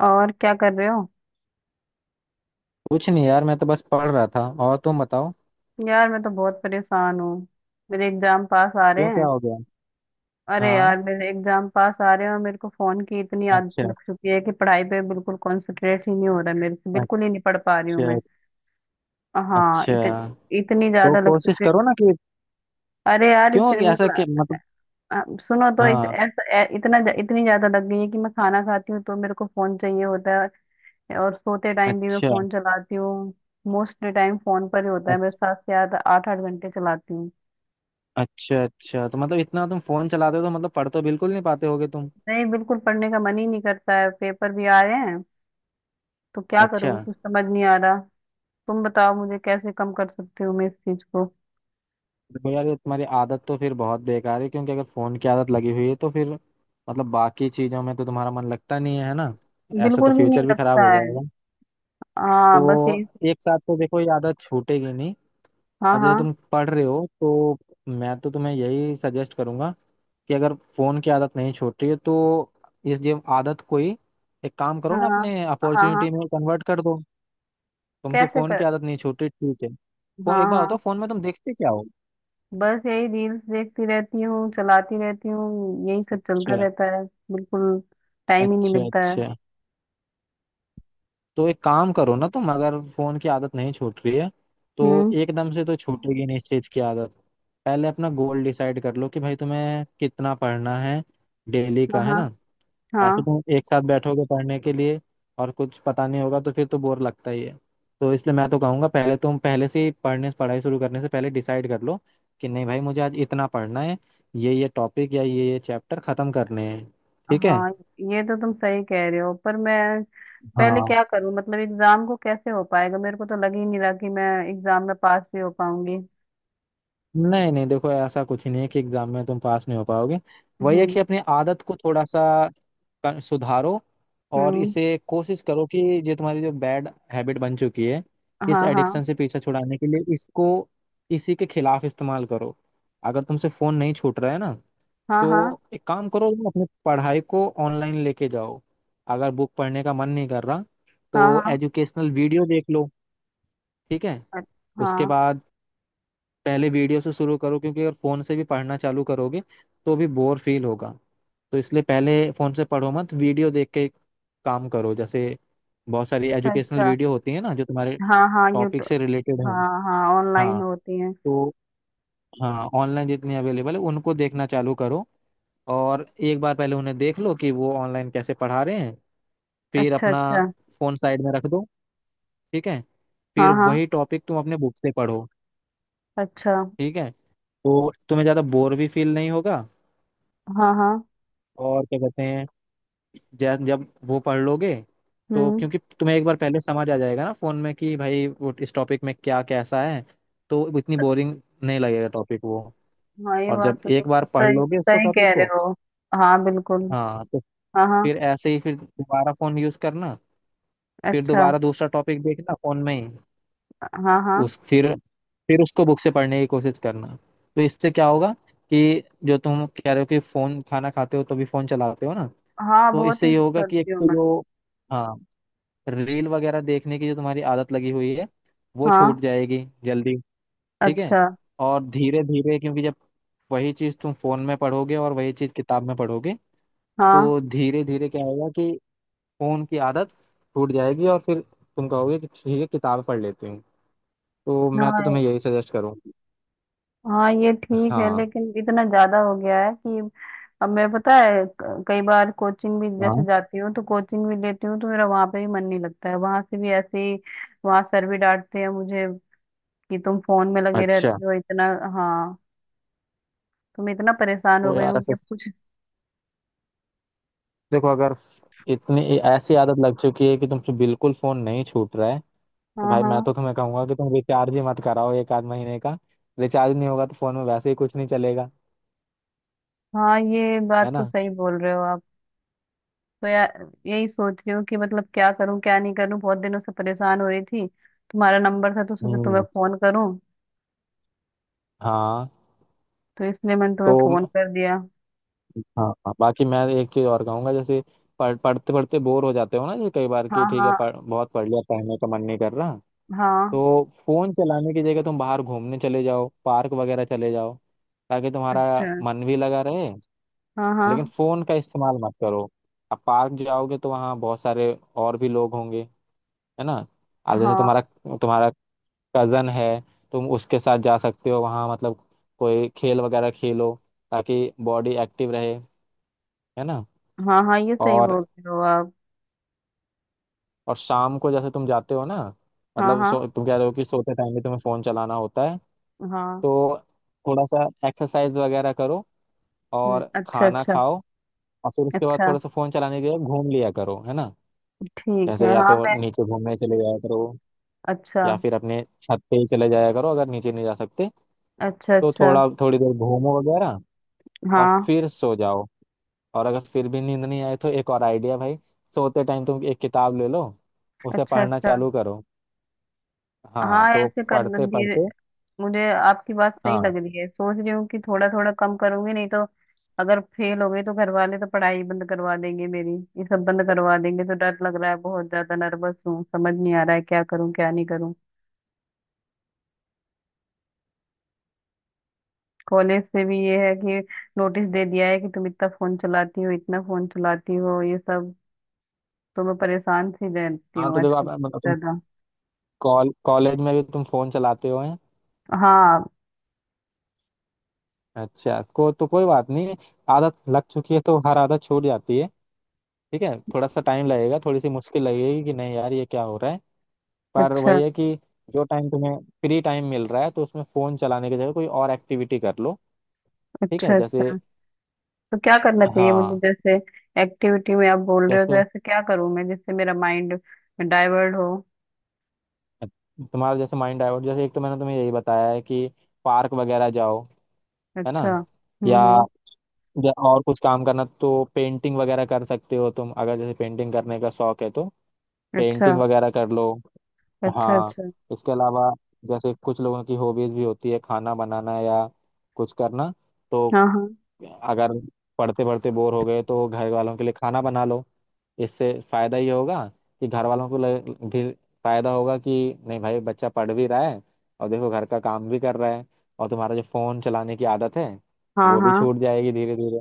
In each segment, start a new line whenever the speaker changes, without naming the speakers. और क्या कर रहे हो।
कुछ नहीं यार, मैं तो बस पढ़ रहा था। और तुम बताओ।
यार मैं तो बहुत परेशान हूँ। मेरे एग्जाम पास आ रहे
क्यों, क्या
हैं।
हो गया।
अरे
हाँ।
यार मेरे एग्जाम पास आ रहे हैं और मेरे को फोन की इतनी आदत
अच्छा।
लग चुकी है कि पढ़ाई पे बिल्कुल कंसंट्रेट ही नहीं हो रहा है, मेरे से बिल्कुल ही नहीं पढ़ पा रही हूँ मैं।
अच्छा।
हाँ,
अच्छा
इतनी इतनी
तो
ज्यादा लग
कोशिश
चुकी है।
करो ना कि
अरे यार
क्यों
इतनी
ऐसा
मतलब
कि मतलब।
अ, सुनो तो इत,
हाँ।
ऐसा ऐ- इतना ज्या- इतनी ज्यादा लग गई है कि मैं खाना खाती हूँ तो मेरे को फोन चाहिए होता है। और सोते टाइम भी मैं
अच्छा।
फोन चलाती हूँ। मोस्टली टाइम फोन पर ही होता है, मैं
अच्छा।
सात से आठ आठ आठ घंटे चलाती हूँ।
अच्छा अच्छा, तो मतलब इतना तुम फोन चलाते हो तो मतलब पढ़ तो बिल्कुल नहीं पाते होगे तुम।
नहीं, बिल्कुल पढ़ने का मन ही नहीं करता है, पेपर भी आ रहे हैं। तो क्या
अच्छा।
करूँ, कुछ समझ नहीं आ रहा। तुम बताओ, मुझे कैसे कम कर सकती हूँ मैं इस चीज को।
देखो यार, ये तुम्हारी आदत तो फिर बहुत बेकार है, क्योंकि अगर फोन की आदत लगी हुई है तो फिर मतलब बाकी चीजों में तो तुम्हारा मन लगता नहीं है, है ना। ऐसे तो
बिल्कुल भी नहीं
फ्यूचर भी खराब
लगता
हो
है।
जाएगा।
हाँ बस
तो
यही।
एक साथ तो देखो ये आदत छूटेगी नहीं।
हाँ
आज जैसे
हाँ।
तुम पढ़ रहे हो, तो मैं तो तुम्हें यही सजेस्ट करूंगा कि अगर फोन की आदत नहीं छोड़ रही है तो इस ये आदत को ही एक काम करो ना,
हाँ
अपने
हाँ। हाँ।
अपॉर्चुनिटी में कन्वर्ट कर दो। तुमसे
कैसे
फोन
कर।
की आदत नहीं छूट रही, ठीक है।
हाँ
एक बार बताओ
हाँ,
फोन में तुम देखते क्या हो।
बस यही रील्स देखती रहती हूँ, चलाती रहती हूँ, यही सब चलता
अच्छा।
रहता है। बिल्कुल। टाइम ही नहीं
अच्छा
मिलता है।
अच्छा, तो एक काम करो ना तुम, अगर फोन की आदत नहीं छूट रही है तो
हम्म।
एकदम से तो छूटेगी नहीं इस चीज की आदत। पहले अपना गोल डिसाइड कर लो कि भाई तुम्हें कितना पढ़ना है, डेली
हाँ
का, है
हाँ।
ना। ऐसे
हाँ
तुम एक साथ बैठोगे पढ़ने के लिए और कुछ पता नहीं होगा तो फिर तो बोर लगता ही है। तो इसलिए मैं तो कहूंगा पहले तुम पहले से ही पढ़ने पढ़ाई शुरू करने से पहले डिसाइड कर लो कि नहीं भाई मुझे आज इतना पढ़ना है, ये टॉपिक या ये चैप्टर खत्म करने हैं। ठीक है।
हाँ। ये तो तुम सही कह रहे हो, पर मैं पहले
हाँ,
क्या करूं, मतलब एग्जाम को कैसे हो पाएगा, मेरे को तो लग ही नहीं रहा कि मैं एग्जाम में पास भी हो पाऊंगी।
नहीं नहीं, देखो ऐसा कुछ ही नहीं है कि एग्जाम में तुम पास नहीं हो पाओगे। वही है कि
हम्म।
अपनी आदत को थोड़ा सा सुधारो। और
हम्म।
इसे कोशिश करो कि ये तुम्हारी जो बैड हैबिट बन चुकी है, इस
हाँ हाँ।
एडिक्शन से पीछा छुड़ाने के लिए इसको इसी के खिलाफ इस्तेमाल करो। अगर तुमसे फोन नहीं छूट रहा है ना,
हाँ हाँ।
तो एक काम करो, तुम अपनी पढ़ाई को ऑनलाइन लेके जाओ। अगर बुक पढ़ने का मन नहीं कर रहा
हाँ
तो
हाँ।
एजुकेशनल वीडियो देख लो। ठीक है।
अ-
उसके
हाँ।
बाद पहले वीडियो से शुरू करो, क्योंकि अगर फोन से भी पढ़ना चालू करोगे तो भी बोर फील होगा। तो इसलिए पहले फोन से पढ़ो मत, वीडियो देख के काम करो। जैसे बहुत सारी
अच्छा
एजुकेशनल
अच्छा।
वीडियो होती है ना जो तुम्हारे
हाँ हाँ,
टॉपिक
यूट्यूब।
से रिलेटेड है।
हाँ हाँ, ऑनलाइन
हाँ
होती हैं।
तो हाँ, ऑनलाइन जितनी अवेलेबल है उनको देखना चालू करो। और एक बार पहले उन्हें देख लो कि वो ऑनलाइन कैसे पढ़ा रहे हैं। फिर
अच्छा
अपना
अच्छा।
फोन साइड में रख दो। ठीक है। फिर
हाँ हाँ।
वही टॉपिक तुम अपने बुक से पढ़ो।
अच्छा।
ठीक है। तो तुम्हें ज्यादा बोर भी फील नहीं होगा।
हाँ हाँ।
और क्या कहते हैं, जब जब वो पढ़ लोगे तो
हम्म।
क्योंकि तुम्हें एक बार पहले समझ आ जाएगा ना फोन में कि भाई वो इस टॉपिक में क्या कैसा है। तो इतनी बोरिंग नहीं लगेगा टॉपिक वो।
हाँ, ये
और
बात
जब
तो
एक
तुम
बार पढ़
सही
लोगे उसको
सही कह
टॉपिक
रहे
को,
हो। हाँ बिल्कुल।
हाँ तो
हाँ हाँ।
फिर ऐसे ही फिर दोबारा फोन यूज करना, फिर
अच्छा।
दोबारा दूसरा टॉपिक देखना फोन में ही।
हाँ हाँ।
उस फिर उसको बुक से पढ़ने की कोशिश करना। तो इससे क्या होगा कि जो तुम कह रहे हो कि फोन खाना खाते हो तभी फोन चलाते हो ना।
हाँ
तो
बहुत
इससे
यूज
ये होगा कि एक
करती हूँ
तो
मैं।
जो, हाँ, रील वगैरह देखने की जो तुम्हारी आदत लगी हुई है वो
हाँ।
छूट जाएगी जल्दी। ठीक है।
अच्छा।
और धीरे धीरे, क्योंकि जब वही चीज तुम फोन में पढ़ोगे और वही चीज किताब में पढ़ोगे,
हाँ
तो धीरे धीरे क्या होगा कि फोन की आदत छूट जाएगी और फिर तुम कहोगे कि ठीक है किताब पढ़ लेती हूँ। तो मैं तो
हाँ।
तुम्हें यही सजेस्ट करूँगी।
हाँ ये ठीक है,
हाँ।
लेकिन इतना ज्यादा हो गया है कि अब मैं, पता है, कई बार कोचिंग भी जैसे
हाँ।
जाती हूँ तो कोचिंग भी लेती हूँ तो मेरा वहां पे भी मन नहीं लगता है, वहां से भी ऐसे ही। वहां सर भी डांटते हैं मुझे कि तुम फोन में लगे
अच्छा।
रहते हो इतना। हाँ। तो मैं इतना परेशान हो
तो
गई
यार
हूँ कि
ऐसा,
अब कुछ।
देखो अगर इतनी ऐसी आदत लग चुकी है कि तुमसे बिल्कुल फोन नहीं छूट रहा है, तो
हाँ
भाई मैं
हाँ।
तो तुम्हें कहूंगा कि तुम रिचार्ज ही मत कराओ एक आध महीने का। रिचार्ज नहीं होगा तो फोन में वैसे ही कुछ नहीं चलेगा,
हाँ, ये
है
बात तो
ना।
सही बोल रहे हो आप। तो यार यही सोच रही हूँ कि मतलब क्या करूँ क्या नहीं करूँ, बहुत दिनों से परेशान हो रही थी। तुम्हारा नंबर था तो सोचा तुम्हें
हम्म।
फोन करूँ,
हाँ।
तो इसलिए मैंने तुम्हें
तो
फोन
म-
कर दिया।
हाँ हाँ, बाकी मैं एक चीज और कहूंगा। जैसे पढ़ते पढ़ते बोर हो जाते हो ना जैसे कई बार, कि
हाँ
ठीक है
हाँ।
बहुत पढ़ लिया, पढ़ने का मन नहीं कर रहा।
हाँ।
तो फोन चलाने की जगह तुम बाहर घूमने चले जाओ, पार्क वगैरह चले जाओ, ताकि तुम्हारा
अच्छा।
मन भी लगा रहे।
हाँ
लेकिन
हाँ।
फोन का इस्तेमाल मत करो। अब पार्क जाओगे तो वहाँ बहुत सारे और भी लोग होंगे, है ना। अब जैसे
हाँ
तुम्हारा तुम्हारा कजन है, तुम उसके साथ जा सकते हो वहाँ। मतलब कोई खेल वगैरह खेलो, ताकि बॉडी एक्टिव रहे, है ना।
हाँ। हाँ ये सही
और
बोल रहे हो आप।
और शाम को जैसे तुम जाते हो ना,
हाँ
मतलब
हाँ।
सो, तुम कह रहे हो कि सोते टाइम भी तुम्हें फोन चलाना होता है।
हाँ।
तो थोड़ा सा एक्सरसाइज वगैरह करो और
अच्छा
खाना
अच्छा।
खाओ। और फिर उसके बाद
अच्छा।
थोड़ा सा फोन चलाने के लिए घूम लिया करो, है ना।
ठीक
जैसे
है,
या
हाँ
तो
मैं।
नीचे घूमने चले जाया करो,
अच्छा
या फिर अपने छत पे ही चले जाया करो अगर नीचे नहीं जा सकते।
अच्छा।
तो
अच्छा।
थोड़ा थोड़ी देर घूमो वगैरह और
हाँ।
फिर सो जाओ। और अगर फिर भी नींद नहीं आए तो एक और आइडिया भाई, सोते टाइम तुम एक किताब ले लो, उसे
अच्छा
पढ़ना
अच्छा।
चालू करो। हाँ
हाँ
तो
ऐसे कर
पढ़ते
धीरे।
पढ़ते।
मुझे आपकी बात सही
हाँ
लग रही है, सोच रही हूँ कि थोड़ा थोड़ा कम करूंगी, नहीं तो अगर फेल हो गई तो घर वाले तो पढ़ाई बंद करवा देंगे मेरी। ये सब बंद करवा देंगे तो डर लग रहा है, बहुत ज्यादा नर्वस हूँ, समझ नहीं आ रहा है क्या करूँ क्या नहीं करूँ। कॉलेज से भी ये है कि नोटिस दे दिया है कि तुम इतना फोन चलाती हो, इतना फोन चलाती हो, ये सब। तो मैं परेशान सी रहती
हाँ,
हूँ
तो देखो
आजकल
आप
बहुत
मतलब तुम
ज्यादा।
कॉलेज में भी तुम फोन चलाते हो हैं।
हाँ।
अच्छा, को तो कोई बात नहीं, आदत लग चुकी है तो हर आदत छूट जाती है। ठीक है, थोड़ा सा टाइम लगेगा, थोड़ी सी मुश्किल लगेगी कि नहीं यार ये क्या हो रहा है, पर
अच्छा
वही है कि जो टाइम तुम्हें फ्री टाइम मिल रहा है तो उसमें फोन चलाने की जगह कोई और एक्टिविटी कर लो। ठीक है।
अच्छा।
जैसे,
अच्छा। तो क्या करना चाहिए मुझे,
हाँ,
जैसे एक्टिविटी में आप बोल रहे हो तो
जैसे
ऐसे क्या करूँ मैं जिससे मेरा माइंड डाइवर्ट हो।
तुम्हारा जैसे माइंड डाइवर्ट, जैसे एक तो मैंने तुम्हें यही बताया है कि पार्क वगैरह जाओ, है ना।
अच्छा।
या
हम्म।
या और कुछ काम करना तो पेंटिंग वगैरह कर सकते हो तुम, अगर जैसे पेंटिंग करने का शौक है तो
अच्छा
पेंटिंग वगैरह कर लो।
अच्छा।
हाँ।
अच्छा।
इसके अलावा जैसे कुछ लोगों की हॉबीज भी होती है खाना बनाना या कुछ करना, तो
हाँ हाँ।
अगर पढ़ते पढ़ते बोर हो गए तो घर वालों के लिए खाना बना लो। इससे फायदा ये होगा कि घर वालों को भी फायदा होगा कि नहीं भाई बच्चा पढ़ भी रहा है और देखो घर का काम भी कर रहा है। और तुम्हारा जो फोन चलाने की आदत है
हाँ
वो भी
हाँ।
छूट जाएगी धीरे धीरे।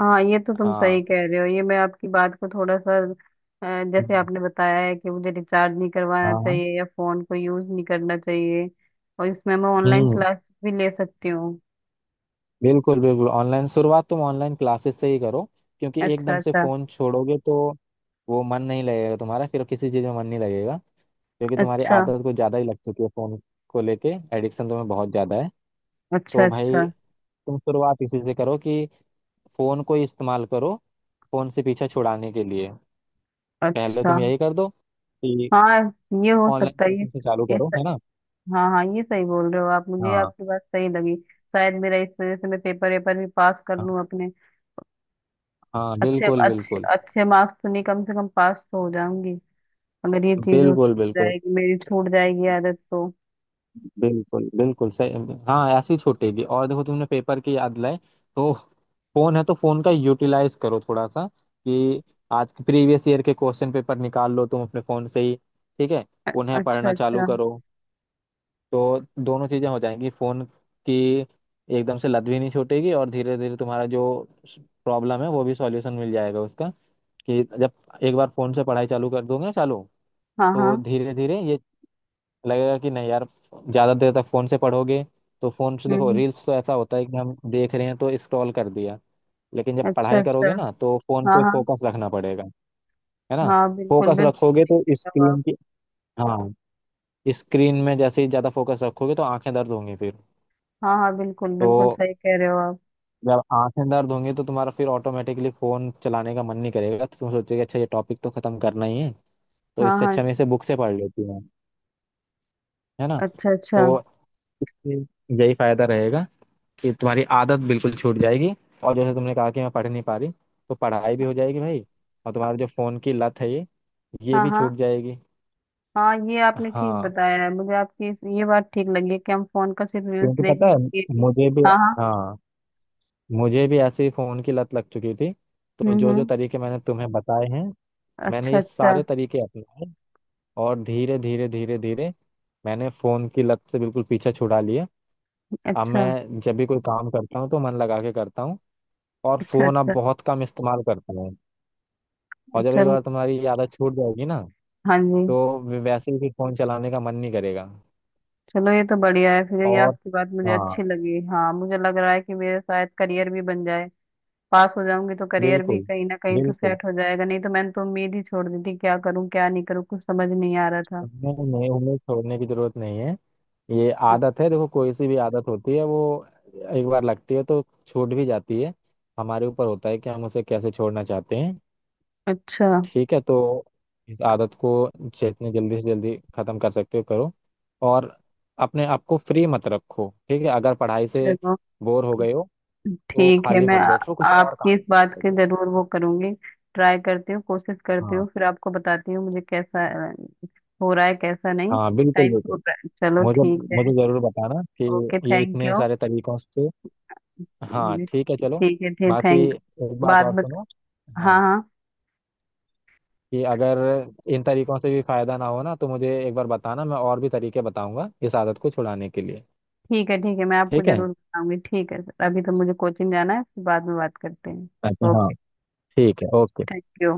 हाँ ये तो तुम सही
हाँ।
कह रहे हो। ये मैं आपकी बात को थोड़ा सा, जैसे
हम्म,
आपने बताया है कि मुझे रिचार्ज नहीं करवाना
हाँ।
चाहिए या फोन को यूज नहीं करना चाहिए, और इसमें मैं ऑनलाइन
हम्म।
क्लास भी ले सकती हूँ।
बिल्कुल बिल्कुल, ऑनलाइन शुरुआत तुम ऑनलाइन क्लासेस से ही करो, क्योंकि
अच्छा
एकदम से
अच्छा।
फोन छोड़ोगे तो वो मन नहीं लगेगा तुम्हारा, फिर किसी चीज में मन नहीं लगेगा, क्योंकि तुम्हारी
अच्छा।
आदत कुछ ज्यादा ही लग चुकी है फोन को लेके। एडिक्शन तुम्हें बहुत ज्यादा है।
अच्छा।
तो भाई
अच्छा
तुम शुरुआत इसी से करो कि फोन को ही इस्तेमाल करो फोन से पीछा छुड़ाने के लिए। पहले
अच्छा।
तुम यही कर दो कि
हाँ ये हो
ऑनलाइन
सकता है।
कोचिंग से चालू
ये
करो,
स-
है ना।
हाँ हाँ ये सही बोल रहे हो आप, मुझे
हाँ
आपकी बात सही लगी। शायद मेरा, इस वजह से मैं पेपर वेपर भी पास कर
हाँ,
लूँ अपने।
हाँ,
अच्छे
बिल्कुल
अच्छे
बिल्कुल
अच्छे मार्क्स तो नहीं, कम से कम पास तो हो जाऊंगी, अगर ये चीज हो
बिल्कुल बिल्कुल
जाएगी, मेरी छूट जाएगी आदत तो।
बिल्कुल बिल्कुल सही। हाँ ऐसे ही छूटेगी। और देखो तुमने पेपर की याद लाए, तो फोन है तो फोन का यूटिलाइज करो थोड़ा सा, कि आज के प्रीवियस ईयर के क्वेश्चन पेपर निकाल लो तुम अपने फोन से ही। ठीक है।
अ-
उन्हें
अच्छा
पढ़ना चालू
अच्छा।
करो। तो दोनों चीजें हो जाएंगी, फोन की एकदम से लत भी नहीं छूटेगी और धीरे धीरे तुम्हारा जो प्रॉब्लम है वो भी सॉल्यूशन मिल जाएगा उसका। कि जब एक बार फोन से पढ़ाई चालू कर दोगे ना, चालू
हाँ
तो
हाँ।
धीरे धीरे ये लगेगा कि नहीं यार ज्यादा देर तक फोन से पढ़ोगे। तो फोन से देखो
हम्म।
रील्स तो ऐसा होता है कि हम देख रहे हैं तो स्क्रॉल कर दिया, लेकिन जब
अच्छा
पढ़ाई
अच्छा।
करोगे ना तो फोन
हाँ
पे
हाँ।
फोकस रखना पड़ेगा, है ना।
हाँ बिल्कुल
फोकस
बिल्कुल
रखोगे
सही
तो
कह रहे हो
स्क्रीन
आप।
की, हाँ, स्क्रीन में जैसे ही ज्यादा फोकस रखोगे तो आंखें दर्द होंगी फिर।
हाँ हाँ, बिल्कुल
तो
बिल्कुल सही कह रहे हो आप।
जब आंखें दर्द होंगी तो तुम्हारा फिर ऑटोमेटिकली फोन चलाने का मन नहीं करेगा, तो तुम सोचोगे अच्छा ये टॉपिक तो खत्म करना ही है, तो
हाँ
इससे
हाँ।
अच्छा मैं इसे बुक से पढ़ लेती हूँ, है ना।
अच्छा
तो
अच्छा।
इससे यही फायदा रहेगा कि तुम्हारी आदत बिल्कुल छूट जाएगी। और जैसे तुमने कहा कि मैं पढ़ नहीं पा रही, तो पढ़ाई भी हो जाएगी भाई, और तुम्हारा जो फोन की लत है ये
हाँ
भी
हाँ।
छूट जाएगी।
हाँ ये आपने ठीक
हाँ,
बताया है, मुझे आपकी ये बात ठीक लगी कि हम फोन का सिर्फ रील्स
क्योंकि पता
देखने
है
के लिए भी।
मुझे भी,
हाँ हाँ।
हाँ, मुझे भी ऐसे ही फोन की लत लग चुकी थी। तो जो जो
हम्म।
तरीके मैंने तुम्हें बताए हैं, मैंने
अच्छा
ये
अच्छा।
सारे तरीके अपनाए और धीरे धीरे धीरे धीरे मैंने फोन की लत से बिल्कुल पीछे छुड़ा लिया। अब
अच्छा
मैं जब भी कोई काम करता हूँ तो मन लगा के करता हूँ और
अच्छा।
फोन अब
अच्छा।
बहुत कम इस्तेमाल करता हूँ। और
अच्छा
जब एक
चलो।
बार तुम्हारी ये आदत छूट जाएगी ना,
हाँ जी।
तो वैसे ही फिर फोन चलाने का मन नहीं करेगा।
चलो ये तो बढ़िया है, फिर ये
और
आपकी बात मुझे
हाँ,
अच्छी लगी। हाँ मुझे लग रहा है कि मेरा शायद करियर भी बन जाए, पास हो जाऊंगी तो करियर भी
बिल्कुल
कहीं ना कहीं तो
बिल्कुल,
सेट हो जाएगा, नहीं तो मैंने तो उम्मीद ही छोड़ दी थी, क्या करूं क्या नहीं करूं कुछ समझ नहीं आ रहा था।
नहीं नहीं, उन्हें छोड़ने की जरूरत नहीं है। ये आदत है, देखो कोई सी भी आदत होती है वो एक बार लगती है तो छूट भी जाती है। हमारे ऊपर होता है कि हम उसे कैसे छोड़ना चाहते हैं।
अच्छा।
ठीक है। तो इस आदत को जितनी जल्दी से जल्दी खत्म कर सकते हो करो। और अपने आप को फ्री मत रखो, ठीक है, अगर पढ़ाई से
चलो।
बोर हो गए हो तो
ठीक है,
खाली
मैं
मत बैठो, कुछ और
आपकी
काम
इस बात की
करो।
जरूर वो करूंगी। ट्राई करती हूँ, कोशिश करती
हाँ
हूँ, फिर आपको बताती हूँ मुझे कैसा अ, हो रहा है कैसा नहीं।
हाँ बिल्कुल
टाइम हो
बिल्कुल,
रहा है, चलो
मुझे
ठीक है।
मुझे जरूर बताना कि
ओके
ये
थैंक
इतने
यू।
सारे तरीकों से। हाँ ठीक है चलो,
ठीक है, ठीक
बाकी
थैंक,
एक बात
बाद
और
में।
सुनो, हाँ,
हाँ हाँ।
कि अगर इन तरीकों से भी फायदा ना हो ना, तो मुझे एक बार बताना, मैं और भी तरीके बताऊंगा इस आदत को छुड़ाने के लिए।
ठीक है ठीक है, मैं आपको
ठीक है।
जरूर बताऊंगी। ठीक है सर, अभी तो मुझे कोचिंग जाना है, फिर बाद में बात करते हैं।
अच्छा हाँ,
ओके
ठीक है, ओके।
Thank you.